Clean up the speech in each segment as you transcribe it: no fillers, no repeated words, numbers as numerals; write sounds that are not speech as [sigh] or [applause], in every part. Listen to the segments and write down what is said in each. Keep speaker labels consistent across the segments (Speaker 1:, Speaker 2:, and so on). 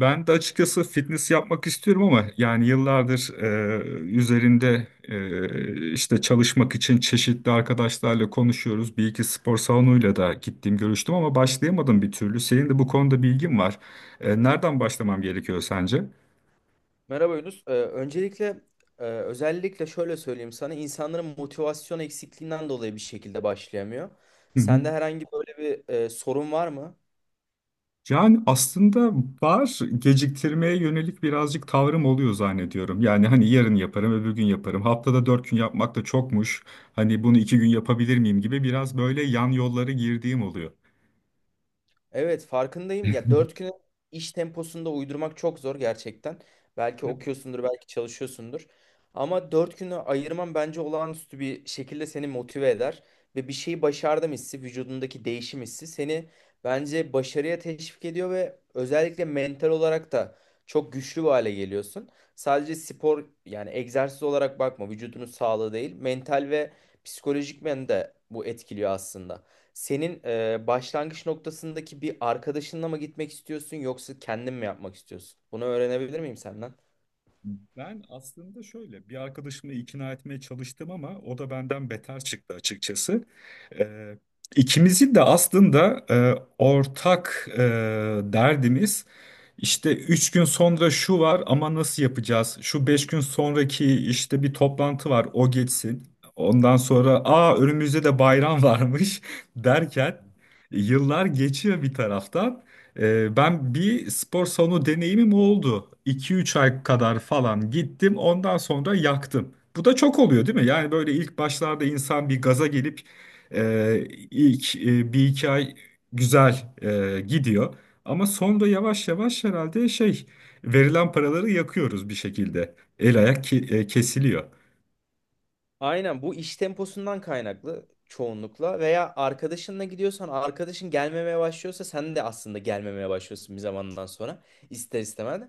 Speaker 1: Ben de açıkçası fitness yapmak istiyorum ama yani yıllardır üzerinde işte çalışmak için çeşitli arkadaşlarla konuşuyoruz. Bir iki spor salonuyla da gittim görüştüm ama başlayamadım bir türlü. Senin de bu konuda bilgin var. Nereden başlamam gerekiyor sence?
Speaker 2: Merhaba Yunus. Öncelikle özellikle şöyle söyleyeyim sana, insanların motivasyon eksikliğinden dolayı bir şekilde başlayamıyor.
Speaker 1: Hı hı.
Speaker 2: Sende herhangi böyle bir sorun var mı?
Speaker 1: Yani aslında var geciktirmeye yönelik birazcık tavrım oluyor zannediyorum. Yani hani yarın yaparım, öbür gün yaparım. Haftada 4 gün yapmak da çokmuş. Hani bunu 2 gün yapabilir miyim gibi biraz böyle yan yollara girdiğim oluyor.
Speaker 2: Evet, farkındayım. Ya, dört
Speaker 1: [laughs]
Speaker 2: güne iş temposunda uydurmak çok zor gerçekten. Belki okuyorsundur, belki çalışıyorsundur. Ama dört günü ayırman bence olağanüstü bir şekilde seni motive eder. Ve bir şeyi başardım hissi, vücudundaki değişim hissi seni bence başarıya teşvik ediyor ve özellikle mental olarak da çok güçlü bir hale geliyorsun. Sadece spor yani egzersiz olarak bakma, vücudunun sağlığı değil, mental ve psikolojik men de bu etkiliyor aslında. Senin başlangıç noktasındaki bir arkadaşınla mı gitmek istiyorsun yoksa kendin mi yapmak istiyorsun? Bunu öğrenebilir miyim senden?
Speaker 1: Ben aslında şöyle bir arkadaşımla ikna etmeye çalıştım ama o da benden beter çıktı açıkçası. Ee, ikimizin de aslında ortak derdimiz işte 3 gün sonra şu var ama nasıl yapacağız? Şu 5 gün sonraki işte bir toplantı var o geçsin. Ondan sonra aa önümüzde de bayram varmış [laughs] derken yıllar geçiyor bir taraftan. Ben bir spor salonu deneyimim oldu. 2 üç ay kadar falan gittim. Ondan sonra yaktım. Bu da çok oluyor değil mi? Yani böyle ilk başlarda insan bir gaza gelip e, ilk bir iki ay güzel gidiyor. Ama sonra yavaş yavaş herhalde şey verilen paraları yakıyoruz bir şekilde. El ayak kesiliyor.
Speaker 2: Aynen, bu iş temposundan kaynaklı çoğunlukla veya arkadaşınla gidiyorsan arkadaşın gelmemeye başlıyorsa sen de aslında gelmemeye başlıyorsun bir zamandan sonra ister istemez.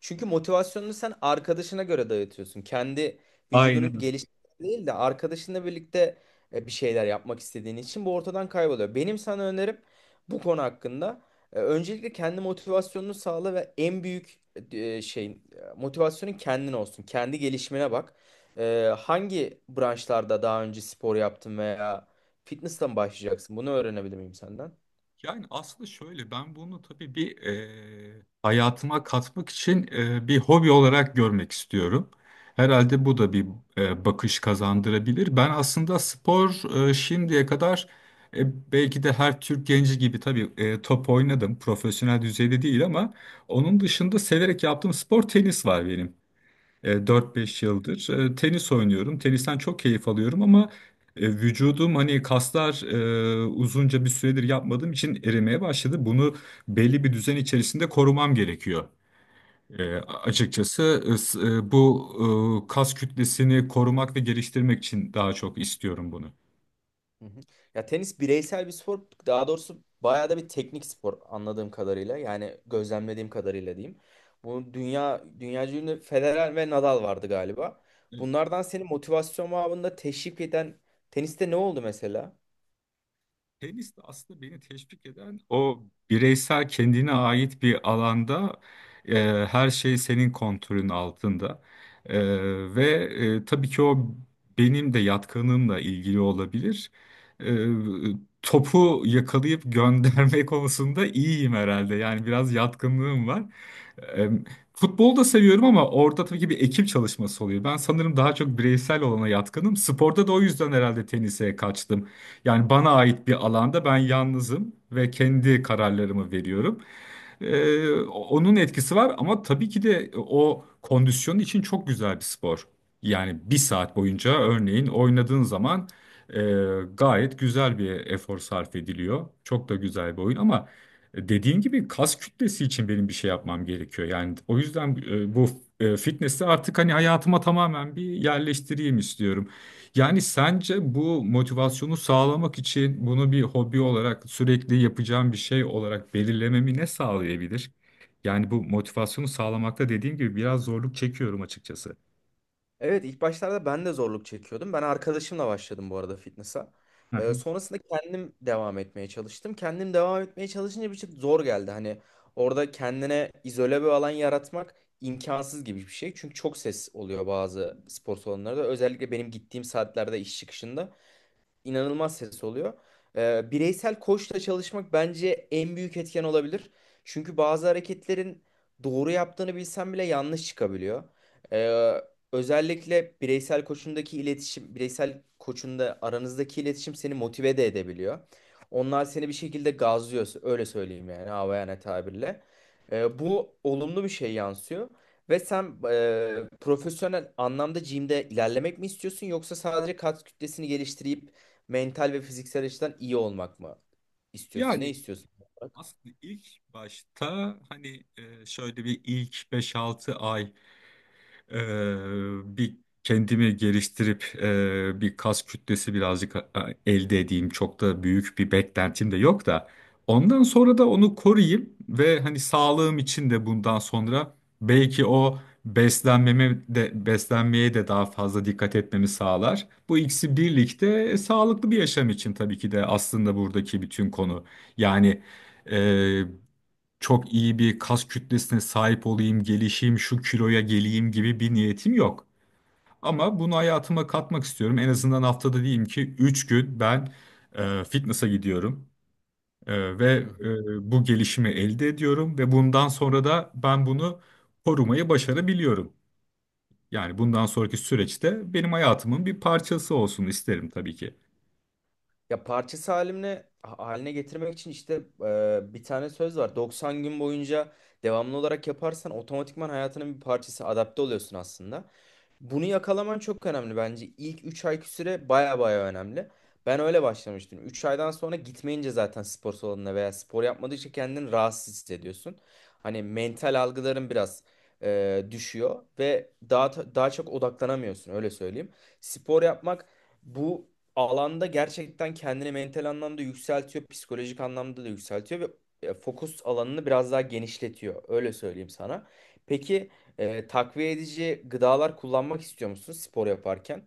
Speaker 2: Çünkü motivasyonunu sen arkadaşına göre dağıtıyorsun. Kendi vücudunun
Speaker 1: Aynen.
Speaker 2: gelişmesi değil de arkadaşınla birlikte bir şeyler yapmak istediğin için bu ortadan kayboluyor. Benim sana önerim bu konu hakkında öncelikle kendi motivasyonunu sağla ve en büyük şeyin motivasyonun kendin olsun. Kendi gelişimine bak. Hangi branşlarda daha önce spor yaptın veya fitness'la mı başlayacaksın? Bunu öğrenebilir miyim senden?
Speaker 1: Yani aslında şöyle ben bunu tabii bir hayatıma katmak için bir hobi olarak görmek istiyorum. Herhalde bu da bir bakış kazandırabilir. Ben aslında spor şimdiye kadar belki de her Türk genci gibi tabii top oynadım. Profesyonel düzeyde değil ama onun dışında severek yaptığım spor tenis var benim. 4-5 yıldır tenis oynuyorum. Tenisten çok keyif alıyorum ama vücudum hani kaslar uzunca bir süredir yapmadığım için erimeye başladı. Bunu belli bir düzen içerisinde korumam gerekiyor. E,
Speaker 2: Hı
Speaker 1: açıkçası bu kas kütlesini korumak ve geliştirmek için daha çok istiyorum bunu.
Speaker 2: hı. Ya, tenis bireysel bir spor. Daha doğrusu bayağı da bir teknik spor anladığım kadarıyla. Yani gözlemlediğim kadarıyla diyeyim. Bu dünyaca ünlü Federer ve Nadal vardı galiba. Bunlardan seni motivasyon babında teşvik eden teniste ne oldu mesela?
Speaker 1: Tenis de aslında beni teşvik eden o bireysel kendine ait bir alanda her şey senin kontrolün altında. E, ve tabii ki o benim de yatkınlığımla ilgili olabilir. E, Topu yakalayıp gönderme [laughs] konusunda iyiyim herhalde. Yani biraz yatkınlığım var. E, Futbolu da seviyorum ama orada tabii ki bir ekip çalışması oluyor. Ben sanırım daha çok bireysel olana yatkınım. Sporda da o yüzden herhalde tenise kaçtım. Yani bana ait bir alanda ben yalnızım ve kendi kararlarımı veriyorum. Onun etkisi var ama tabii ki de o kondisyon için çok güzel bir spor. Yani bir saat boyunca örneğin oynadığın zaman e, gayet güzel bir efor sarf ediliyor. Çok da güzel bir oyun ama dediğin gibi kas kütlesi için benim bir şey yapmam gerekiyor. Yani o yüzden bu fitness'i artık hani hayatıma tamamen bir yerleştireyim istiyorum. Yani sence bu motivasyonu sağlamak için bunu bir hobi olarak sürekli yapacağım bir şey olarak belirlememi ne sağlayabilir? Yani bu motivasyonu sağlamakta dediğim gibi biraz zorluk çekiyorum açıkçası.
Speaker 2: Evet, ilk başlarda ben de zorluk çekiyordum. Ben arkadaşımla başladım bu arada fitness'a.
Speaker 1: Hı hı.
Speaker 2: Sonrasında kendim devam etmeye çalıştım. Kendim devam etmeye çalışınca bir şey zor geldi. Hani orada kendine izole bir alan yaratmak imkansız gibi bir şey. Çünkü çok ses oluyor bazı spor salonlarda. Özellikle benim gittiğim saatlerde iş çıkışında inanılmaz ses oluyor. Bireysel koçla çalışmak bence en büyük etken olabilir. Çünkü bazı hareketlerin doğru yaptığını bilsen bile yanlış çıkabiliyor. Ee, Özellikle bireysel koçundaki iletişim, bireysel koçunda aranızdaki iletişim seni motive de edebiliyor. Onlar seni bir şekilde gazlıyor, öyle söyleyeyim, yani havayana tabirle. Bu olumlu bir şey yansıyor. Ve sen profesyonel anlamda gym'de ilerlemek mi istiyorsun yoksa sadece kas kütlesini geliştirip mental ve fiziksel açıdan iyi olmak mı istiyorsun? Ne
Speaker 1: Yani
Speaker 2: istiyorsun?
Speaker 1: aslında ilk başta hani şöyle bir ilk beş altı ay bir kendimi geliştirip bir kas kütlesi birazcık elde edeyim. Çok da büyük bir beklentim de yok da. Ondan sonra da onu koruyayım ve hani sağlığım için de bundan sonra belki o beslenmeme de beslenmeye de daha fazla dikkat etmemi sağlar. Bu ikisi birlikte sağlıklı bir yaşam için tabii ki de aslında buradaki bütün konu. Yani çok iyi bir kas kütlesine sahip olayım, gelişeyim, şu kiloya geleyim gibi bir niyetim yok. Ama bunu hayatıma katmak istiyorum. En azından haftada diyeyim ki 3 gün ben fitness'a gidiyorum ve
Speaker 2: Hı.
Speaker 1: bu gelişimi elde ediyorum ve bundan sonra da ben bunu korumayı başarabiliyorum. Yani bundan sonraki süreçte benim hayatımın bir parçası olsun isterim tabii ki.
Speaker 2: Ya, parçası haline getirmek için işte bir tane söz var. 90 gün boyunca devamlı olarak yaparsan otomatikman hayatının bir parçası adapte oluyorsun aslında. Bunu yakalaman çok önemli bence. İlk 3 ayki süre baya baya önemli. Ben öyle başlamıştım. 3 aydan sonra gitmeyince zaten spor salonuna veya spor yapmadıkça kendini rahatsız hissediyorsun. Hani mental algıların biraz düşüyor ve daha çok odaklanamıyorsun öyle söyleyeyim. Spor yapmak bu alanda gerçekten kendini mental anlamda yükseltiyor, psikolojik anlamda da yükseltiyor ve fokus alanını biraz daha genişletiyor öyle söyleyeyim sana. Peki, takviye edici gıdalar kullanmak istiyor musunuz spor yaparken?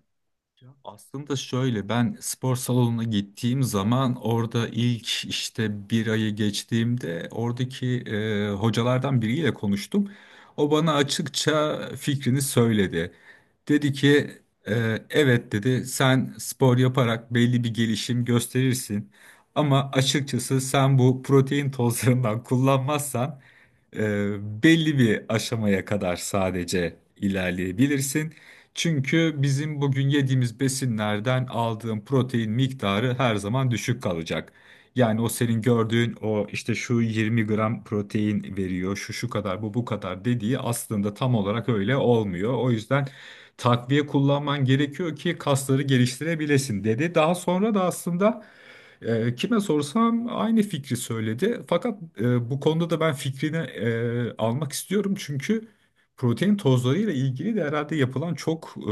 Speaker 1: Aslında şöyle ben spor salonuna gittiğim zaman orada ilk işte bir ayı geçtiğimde oradaki hocalardan biriyle konuştum. O bana açıkça fikrini söyledi. Dedi ki Evet dedi sen spor yaparak belli bir gelişim gösterirsin. Ama açıkçası sen bu protein tozlarından kullanmazsan belli bir aşamaya kadar sadece ilerleyebilirsin. Çünkü bizim bugün yediğimiz besinlerden aldığın protein miktarı her zaman düşük kalacak. Yani o senin gördüğün o işte şu 20 gram protein veriyor, şu şu kadar, bu bu kadar dediği aslında tam olarak öyle olmuyor. O yüzden takviye kullanman gerekiyor ki kasları geliştirebilesin dedi. Daha sonra da aslında kime sorsam aynı fikri söyledi. Fakat bu konuda da ben fikrini almak istiyorum çünkü protein tozlarıyla ilgili de herhalde yapılan çok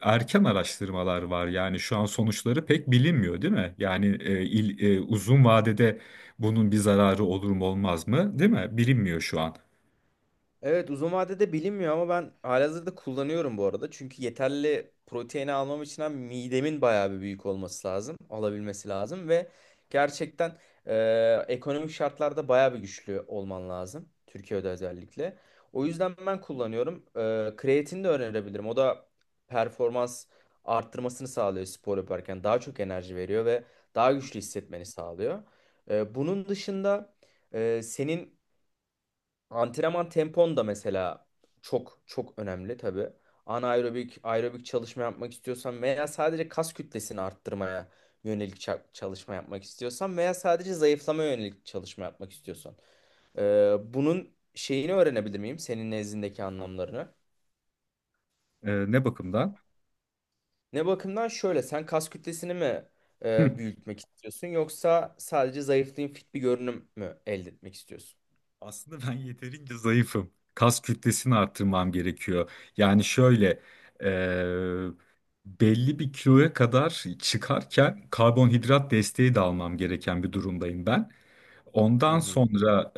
Speaker 1: erken araştırmalar var. Yani şu an sonuçları pek bilinmiyor, değil mi? Yani uzun vadede bunun bir zararı olur mu olmaz mı, değil mi? Bilinmiyor şu an.
Speaker 2: Evet, uzun vadede bilinmiyor ama ben halihazırda kullanıyorum bu arada. Çünkü yeterli proteini almam için hem midemin bayağı bir büyük olması lazım. Alabilmesi lazım ve gerçekten ekonomik şartlarda bayağı bir güçlü olman lazım. Türkiye'de özellikle. O yüzden ben kullanıyorum. E, kreatin de önerebilirim. O da performans arttırmasını sağlıyor spor yaparken. Daha çok enerji veriyor ve daha güçlü hissetmeni sağlıyor. E, bunun dışında... Senin antrenman tempon da mesela çok çok önemli tabii. Anaerobik, aerobik çalışma yapmak istiyorsan veya sadece kas kütlesini arttırmaya yönelik çalışma yapmak istiyorsan veya sadece zayıflamaya yönelik çalışma yapmak istiyorsan. Bunun şeyini öğrenebilir miyim? Senin nezdindeki anlamlarını.
Speaker 1: Ne bakımdan?
Speaker 2: Ne bakımdan şöyle, sen kas kütlesini mi
Speaker 1: Hı.
Speaker 2: büyütmek istiyorsun yoksa sadece zayıflayayım fit bir görünüm mü elde etmek istiyorsun?
Speaker 1: Aslında ben yeterince zayıfım. Kas kütlesini arttırmam gerekiyor. Yani şöyle e, belli bir kiloya kadar çıkarken karbonhidrat desteği de almam gereken bir durumdayım ben.
Speaker 2: Hı
Speaker 1: Ondan
Speaker 2: hı.
Speaker 1: sonra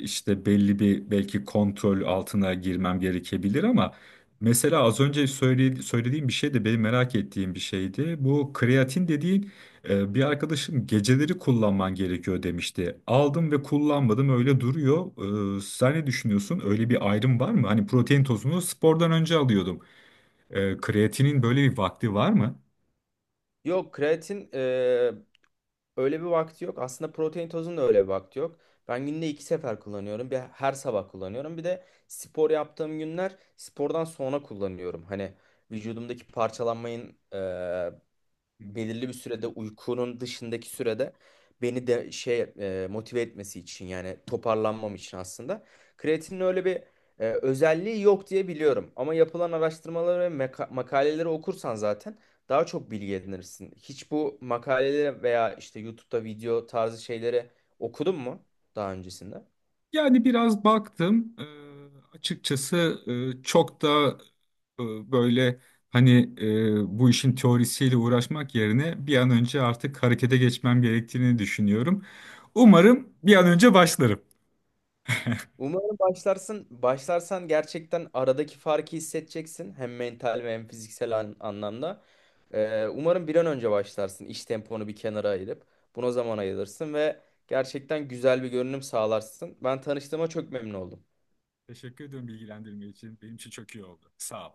Speaker 1: işte belli bir belki kontrol altına girmem gerekebilir ama mesela az önce söylediğim bir şey de benim merak ettiğim bir şeydi. Bu kreatin dediğin bir arkadaşım geceleri kullanman gerekiyor demişti. Aldım ve kullanmadım öyle duruyor. Sen ne düşünüyorsun? Öyle bir ayrım var mı? Hani protein tozunu spordan önce alıyordum. Kreatinin böyle bir vakti var mı?
Speaker 2: Yok, kreatin öyle bir vakti yok. Aslında protein tozun da öyle bir vakti yok. Ben günde iki sefer kullanıyorum. Bir, her sabah kullanıyorum. Bir de spor yaptığım günler spordan sonra kullanıyorum. Hani vücudumdaki parçalanmayın belirli bir sürede uykunun dışındaki sürede beni de şey motive etmesi için, yani toparlanmam için aslında. Kreatinin öyle bir özelliği yok diye biliyorum. Ama yapılan araştırmaları ve makaleleri okursan zaten daha çok bilgi edinirsin. Hiç bu makaleleri veya işte YouTube'da video tarzı şeyleri okudun mu daha öncesinde?
Speaker 1: Yani biraz baktım, açıkçası çok da eee, böyle hani bu işin teorisiyle uğraşmak yerine bir an önce artık harekete geçmem gerektiğini düşünüyorum. Umarım bir an önce başlarım.
Speaker 2: Umarım başlarsın. Başlarsan gerçekten aradaki farkı hissedeceksin. Hem mental ve hem fiziksel anlamda. Umarım bir an önce başlarsın. İş temponu bir kenara ayırıp buna zaman ayırırsın ve gerçekten güzel bir görünüm sağlarsın. Ben tanıştığıma çok memnun oldum.
Speaker 1: Teşekkür ederim bilgilendirme için. Benim için çok iyi oldu. Sağ ol.